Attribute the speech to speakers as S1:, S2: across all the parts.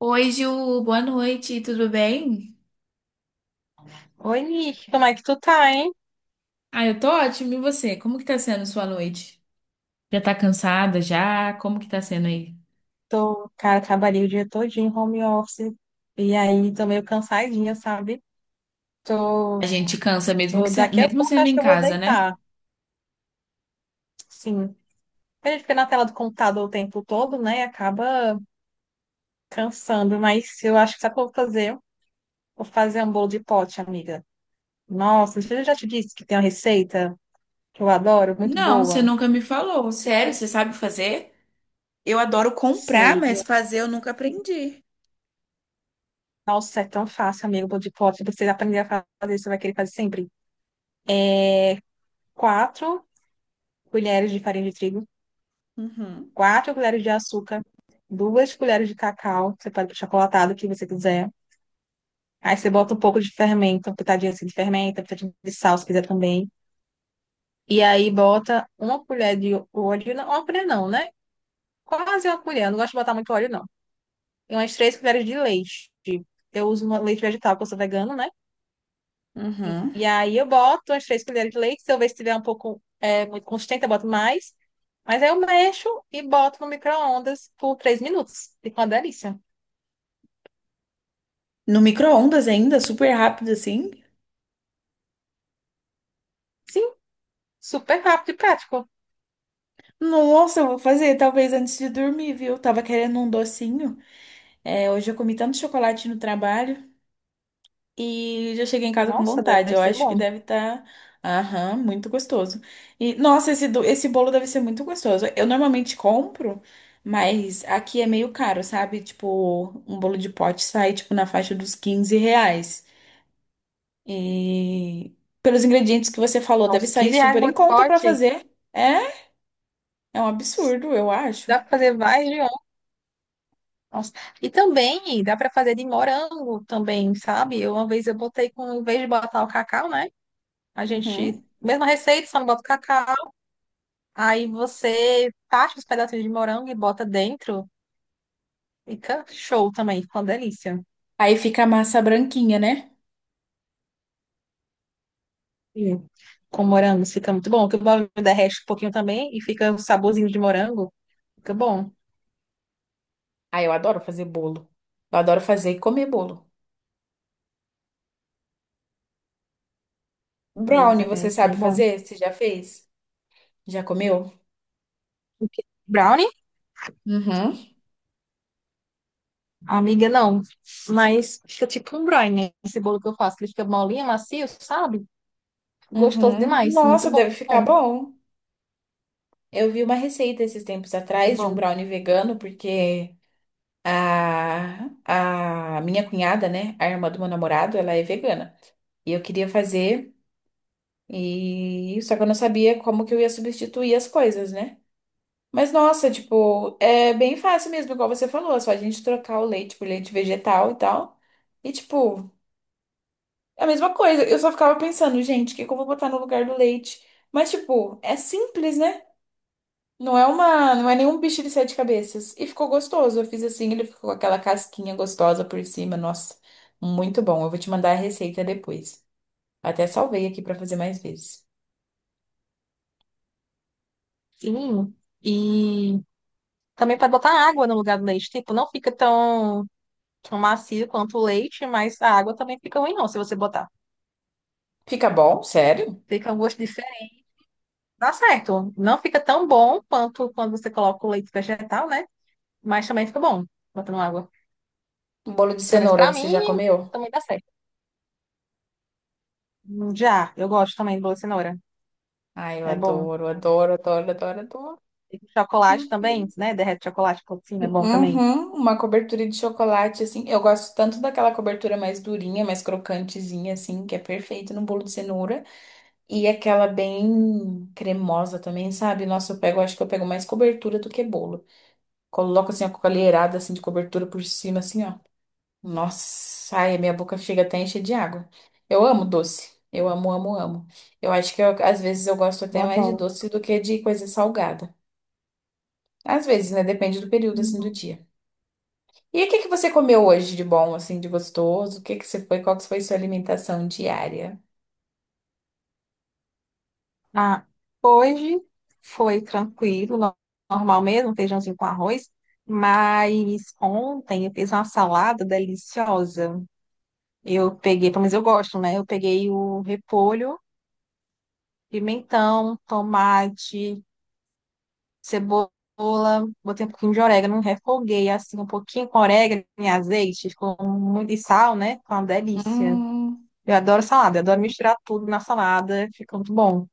S1: Oi, Ju, boa noite, tudo bem?
S2: Oi, Nick, como é que tu tá, hein?
S1: Ah, eu tô ótimo, e você? Como que tá sendo sua noite? Já tá cansada já? Como que tá sendo aí?
S2: Tô, cara, trabalhei o dia todinho em home office e aí tô meio cansadinha, sabe? Tô,
S1: A gente cansa mesmo
S2: tô,
S1: que se-
S2: daqui a
S1: mesmo
S2: pouco
S1: sendo
S2: acho
S1: em
S2: que eu vou
S1: casa, né?
S2: deitar. Sim. A gente fica na tela do computador o tempo todo, né? E acaba cansando, mas eu acho que sabe o que eu vou fazer? Vou fazer um bolo de pote, amiga. Nossa, não, eu já te disse que tem uma receita que eu adoro, muito
S1: Não, você
S2: boa.
S1: nunca me falou. Sério, você sabe fazer? Eu adoro comprar,
S2: Sei.
S1: mas
S2: Eu,
S1: fazer eu nunca aprendi.
S2: nossa, é tão fácil, amigo, bolo de pote. Você aprender a fazer, você vai querer fazer sempre. 4 colheres de farinha de trigo.
S1: Uhum,
S2: 4 colheres de açúcar, 2 colheres de cacau, você pode pôr chocolatado, o que você quiser. Aí você bota um pouco de fermento, uma pitadinha assim de fermento, uma pitadinha de sal, se quiser também. E aí bota uma colher de óleo, não, uma colher não, né? Quase uma colher, eu não gosto de botar muito óleo, não. E umas 3 colheres de leite. Eu uso uma leite vegetal, porque eu sou vegano, né? E,
S1: uhum.
S2: e aí eu boto umas 3 colheres de leite, se eu ver se tiver um pouco muito consistente, eu boto mais. Mas aí eu mexo e boto no micro-ondas por 3 minutos. Fica uma delícia.
S1: No micro-ondas ainda, super rápido assim.
S2: Sim, super rápido e prático.
S1: Nossa, eu vou fazer talvez antes de dormir, viu? Tava querendo um docinho. É, hoje eu comi tanto chocolate no trabalho. E já cheguei em casa com
S2: Nossa,
S1: vontade.
S2: deve
S1: Eu
S2: ser
S1: acho que
S2: bom.
S1: deve estar, aham, muito gostoso. E nossa, esse bolo deve ser muito gostoso. Eu normalmente compro, mas aqui é meio caro, sabe? Tipo, um bolo de pote sai tipo na faixa dos 15 reais. E pelos ingredientes que você falou, deve
S2: Nossa,
S1: sair
S2: R$ 15
S1: super
S2: no
S1: em conta pra
S2: pote.
S1: fazer. É, é um absurdo, eu acho.
S2: Dá pra fazer mais de um. Nossa. E também dá pra fazer de morango também, sabe? Eu, uma vez eu botei com, em vez de botar o cacau, né? A
S1: Uhum.
S2: gente. Mesma receita, só não bota o cacau. Aí você tacha os pedacinhos de morango e bota dentro. Fica show também, fica uma delícia.
S1: Aí fica a massa branquinha, né?
S2: E com morango fica muito bom. Que o morango derrete um pouquinho também e fica um saborzinho de morango. Fica bom.
S1: Ah, eu adoro fazer bolo. Eu adoro fazer e comer bolo.
S2: Mas
S1: Brownie, você
S2: é,
S1: sabe
S2: é bom.
S1: fazer? Você já fez? Já comeu?
S2: Brownie?
S1: Uhum,
S2: Amiga, não. Mas fica tipo um brine, né? Esse bolo que eu faço, que ele fica molinho, macio, sabe? Gostoso
S1: uhum.
S2: demais. Muito
S1: Nossa,
S2: bom.
S1: deve ficar bom. Eu vi uma receita esses tempos
S2: Muito
S1: atrás de um
S2: bom.
S1: brownie vegano, porque a minha cunhada, né, a irmã do meu namorado, ela é vegana. E eu queria fazer, e só que eu não sabia como que eu ia substituir as coisas, né? Mas nossa, tipo, é bem fácil mesmo, igual você falou, é só a gente trocar o leite por leite vegetal e tal. E tipo, é a mesma coisa. Eu só ficava pensando, gente, o que que eu vou botar no lugar do leite? Mas, tipo, é simples, né? Não é nenhum bicho de sete cabeças. E ficou gostoso. Eu fiz assim, ele ficou com aquela casquinha gostosa por cima. Nossa, muito bom. Eu vou te mandar a receita depois. Até salvei aqui pra fazer mais vezes.
S2: Fininho. E também pode botar água no lugar do leite. Tipo, não fica tão, tão macio quanto o leite, mas a água também fica ruim, não, se você botar.
S1: Fica bom? Sério?
S2: Fica um gosto diferente. Dá certo. Não fica tão bom quanto quando você coloca o leite vegetal, né? Mas também fica bom botando água.
S1: Um bolo de
S2: Pelo menos
S1: cenoura,
S2: pra
S1: você já
S2: mim,
S1: comeu?
S2: também dá certo. Já, eu gosto também de bolo de cenoura.
S1: Ai, eu
S2: É bom.
S1: adoro, adoro, adoro, adoro, adoro.
S2: E
S1: Meu
S2: chocolate também,
S1: Deus.
S2: né? Derrete chocolate por cima, é bom também.
S1: Uhum, uma cobertura de chocolate, assim. Eu gosto tanto daquela cobertura mais durinha, mais crocantezinha, assim, que é perfeito no bolo de cenoura. E aquela bem cremosa também, sabe? Nossa, eu pego, acho que eu pego mais cobertura do que bolo. Coloco, assim, a colherada, assim, de cobertura por cima, assim, ó. Nossa, ai, a minha boca chega até a encher de água. Eu amo doce. Eu amo, amo, amo. Eu acho que às vezes eu gosto
S2: Eu
S1: até mais de
S2: adoro.
S1: doce do que de coisa salgada. Às vezes, né? Depende do período, assim,
S2: Hum.
S1: do dia. E o que que você comeu hoje de bom, assim, de gostoso? O que que você foi? Qual que foi sua alimentação diária?
S2: Ah, hoje foi tranquilo, normal mesmo, feijãozinho com arroz. Mas ontem eu fiz uma salada deliciosa. Eu peguei, pelo menos eu gosto, né? Eu peguei o repolho, pimentão, tomate, cebola, botei um pouquinho de orégano, refoguei assim um pouquinho com orégano e azeite, ficou muito e sal, né? Ficou uma delícia.
S1: Hum,
S2: Eu adoro salada, eu adoro misturar tudo na salada, fica muito bom.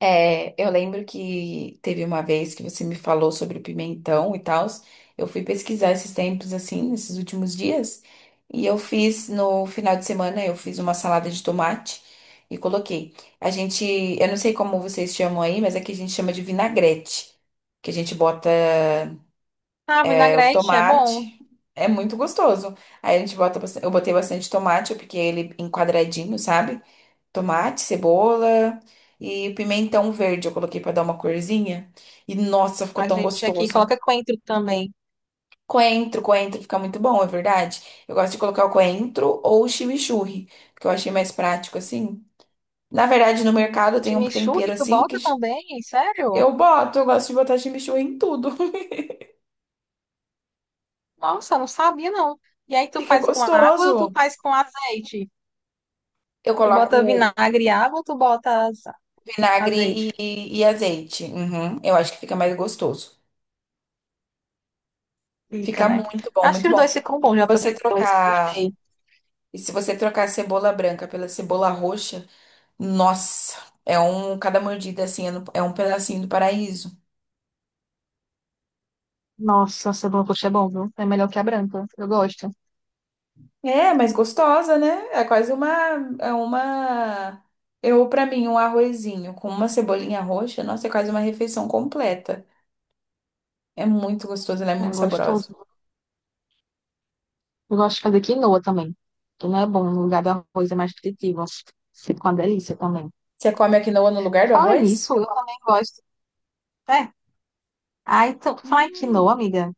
S1: É, eu lembro que teve uma vez que você me falou sobre o pimentão e tal. Eu fui pesquisar esses tempos, assim, nesses últimos dias. E eu fiz, no final de semana, eu fiz uma salada de tomate e coloquei. A gente, eu não sei como vocês chamam aí, mas aqui a gente chama de vinagrete. Que a gente bota.
S2: Ah,
S1: É o
S2: vinagrete é bom.
S1: tomate. É muito gostoso. Aí a gente bota, eu botei bastante tomate, eu piquei ele em quadradinho, sabe? Tomate, cebola e pimentão verde eu coloquei pra dar uma corzinha. E nossa, ficou
S2: A
S1: tão
S2: gente aqui
S1: gostoso.
S2: coloca coentro também.
S1: Coentro, coentro fica muito bom, é verdade. Eu gosto de colocar o coentro ou o chimichurri, que eu achei mais prático assim. Na verdade, no mercado tem um tempero
S2: Chimichurri, tu
S1: assim
S2: bota também? Sério?
S1: eu boto, eu gosto de botar chimichurri em tudo.
S2: Nossa, não sabia não. E aí tu
S1: Fica
S2: faz com água ou tu
S1: gostoso.
S2: faz com azeite?
S1: Eu
S2: Tu bota
S1: coloco
S2: vinagre e água ou tu bota
S1: vinagre
S2: azeite?
S1: e azeite. Uhum. Eu acho que fica mais gostoso.
S2: Fica,
S1: Fica
S2: né?
S1: muito bom,
S2: Acho
S1: muito
S2: que os
S1: bom.
S2: dois ficam
S1: E
S2: bons,
S1: se
S2: já
S1: você
S2: provei os dois,
S1: trocar,
S2: gostei.
S1: e se você trocar a cebola branca pela cebola roxa, nossa, cada mordida assim é um pedacinho do paraíso.
S2: Nossa, cebola roxa é bom, viu? É melhor que a branca, eu gosto.
S1: É, mas gostosa, né? É uma, eu pra mim um arrozinho com uma cebolinha roxa, nossa, é quase uma refeição completa. É muito gostoso, ela é
S2: É
S1: muito saborosa.
S2: gostoso. Eu gosto de fazer quinoa também. Quinoa é bom, no lugar do arroz é mais nutritivo. Fica uma delícia também.
S1: Você come a quinoa no lugar do
S2: Falar
S1: arroz?
S2: nisso, eu também gosto. É. Aí, tu fala em quinoa,
S1: Hum,
S2: amiga.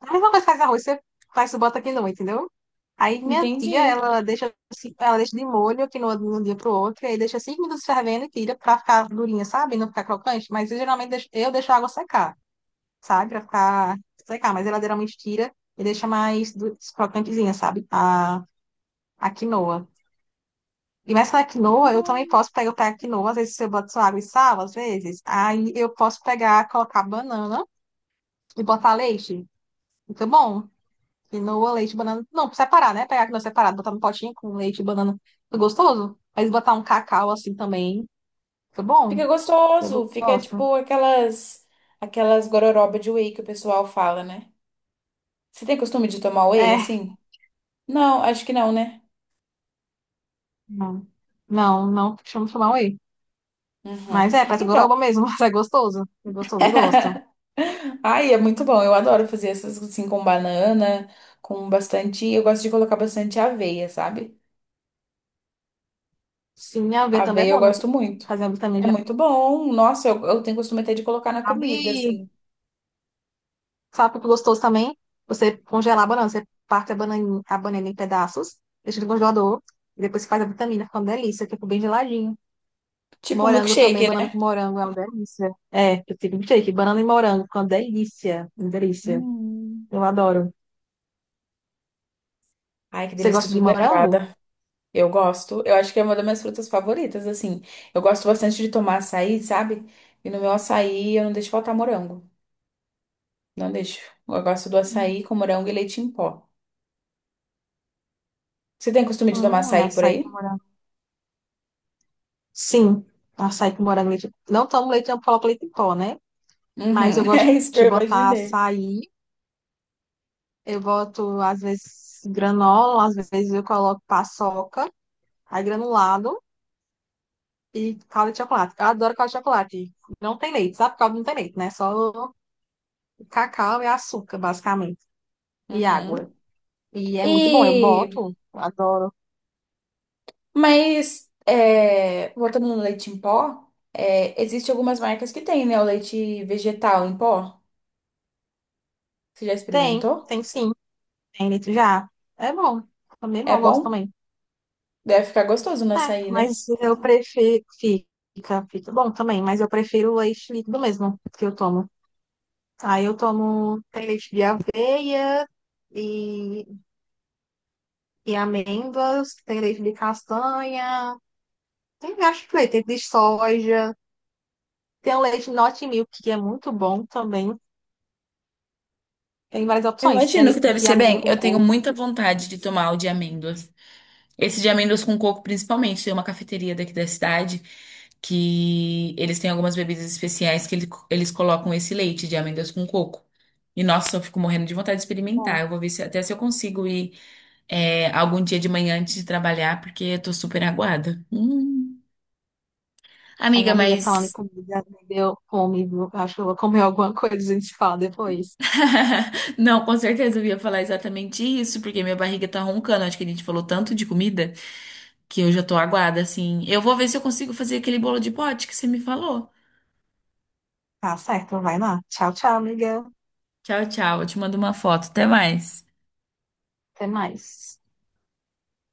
S2: Aí, uma vez faz arroz, você faz, você bota quinoa, entendeu? Aí, minha tia,
S1: entendi.
S2: ela deixa, ela deixa de molho a quinoa de um dia pro outro, e aí deixa 5 minutos fervendo e tira pra ficar durinha, sabe? Não ficar crocante. Mas eu geralmente deixo, eu deixo a água secar, sabe? Pra ficar secar. Mas ela geralmente tira e deixa mais crocantezinha, sabe? A quinoa. E mas na quinoa, eu também
S1: Hum,
S2: posso pegar, eu pego quinoa, às vezes eu boto só água e sal, às vezes. Aí eu posso pegar, colocar banana e botar leite. Fica bom. Quinoa, leite, banana. Não, separar, né? Pegar a quinoa separada, botar no potinho com leite e banana. Fica gostoso. Mas botar um cacau assim também. Fica bom.
S1: Fica gostoso,
S2: Eu
S1: fica
S2: gosto.
S1: tipo aquelas gororoba de whey que o pessoal fala, né? Você tem costume de tomar whey
S2: É.
S1: assim? Não, acho que não, né?
S2: Não, não, não chamar whey.
S1: Uhum.
S2: Mas é, parece
S1: Então,
S2: gororoba mesmo, mas é gostoso. É gostoso, eu gosto.
S1: ai, é muito bom. Eu adoro fazer essas assim com banana, com bastante. Eu gosto de colocar bastante aveia, sabe?
S2: Sim, a aveia também é
S1: Aveia eu
S2: bom, né?
S1: gosto muito.
S2: Fazer a vitamina
S1: É
S2: de
S1: muito bom. Nossa, eu tenho costume até de colocar na comida,
S2: amendoim.
S1: assim.
S2: Sabe o que é gostoso também? Você congelar a banana. Você parte a bananinha, a banana em pedaços, deixa no congelador, e depois você faz a vitamina, fica uma delícia, fica bem geladinho.
S1: Tipo um
S2: Morango também,
S1: milkshake,
S2: banana com
S1: né?
S2: morango é uma delícia. É, eu tive um shake, banana e morango, fica uma delícia, uma delícia.
S1: Hum.
S2: Eu adoro.
S1: Ai, que
S2: Você
S1: delícia, tô
S2: gosta de
S1: super
S2: morango?
S1: aguada. Eu gosto. Eu acho que é uma das minhas frutas favoritas, assim. Eu gosto bastante de tomar açaí, sabe? E no meu açaí eu não deixo faltar morango. Não deixo. Eu gosto do açaí com morango e leite em pó. Você tem costume de tomar açaí por
S2: Açaí com
S1: aí?
S2: morango. Sim, açaí com morango. Não tomo leite, eu coloco leite em pó, né? Mas
S1: Uhum,
S2: eu
S1: é
S2: gosto
S1: isso que
S2: de
S1: eu
S2: botar
S1: imaginei.
S2: açaí, eu boto, às vezes, granola, às vezes eu coloco paçoca. Aí granulado e calda de chocolate. Eu adoro calda de chocolate. Não tem leite, sabe? Calda não tem leite, né? Só cacau e açúcar, basicamente. E água.
S1: Uhum.
S2: E é muito bom. Eu
S1: E,
S2: boto, adoro.
S1: mas, é, voltando no leite em pó, é, existe algumas marcas que tem, né? O leite vegetal em pó. Você já
S2: Tem,
S1: experimentou?
S2: tem sim. Tem leite já. É bom. Também
S1: É
S2: bom, gosto
S1: bom?
S2: também.
S1: Deve ficar gostoso no
S2: É,
S1: açaí, né?
S2: mas eu prefiro. Fica, bom também, mas eu prefiro o leite líquido mesmo que eu tomo. Aí eu tomo tem leite de aveia e, e amêndoas, tem leite de castanha. Tem vários leites, tem de soja, tem o leite Not Milk, que é muito bom também. Tem várias
S1: Eu
S2: opções. Tem
S1: imagino que
S2: leite
S1: deve
S2: de
S1: ser
S2: amêndoa
S1: bem.
S2: com
S1: Eu tenho
S2: coco.
S1: muita vontade de tomar o de amêndoas. Esse de amêndoas com coco, principalmente. Tem uma cafeteria daqui da cidade que eles têm algumas bebidas especiais eles colocam esse leite de amêndoas com coco. E nossa, eu fico morrendo de vontade de experimentar.
S2: Bom,
S1: Eu vou ver se, até se eu consigo ir é, algum dia de manhã antes de trabalhar, porque eu tô super aguada. Hum.
S2: as
S1: Amiga,
S2: amigas falando em
S1: mas.
S2: comida, me deu fome, viu? Acho que eu vou comer alguma coisa, e a gente se fala depois.
S1: Não, com certeza eu ia falar exatamente isso, porque minha barriga tá roncando. Acho que a gente falou tanto de comida que eu já tô aguada, assim. Eu vou ver se eu consigo fazer aquele bolo de pote que você me falou.
S2: Tá certo, vai lá. Tchau, tchau, amiga.
S1: Tchau, tchau. Eu te mando uma foto. Até mais.
S2: Até mais.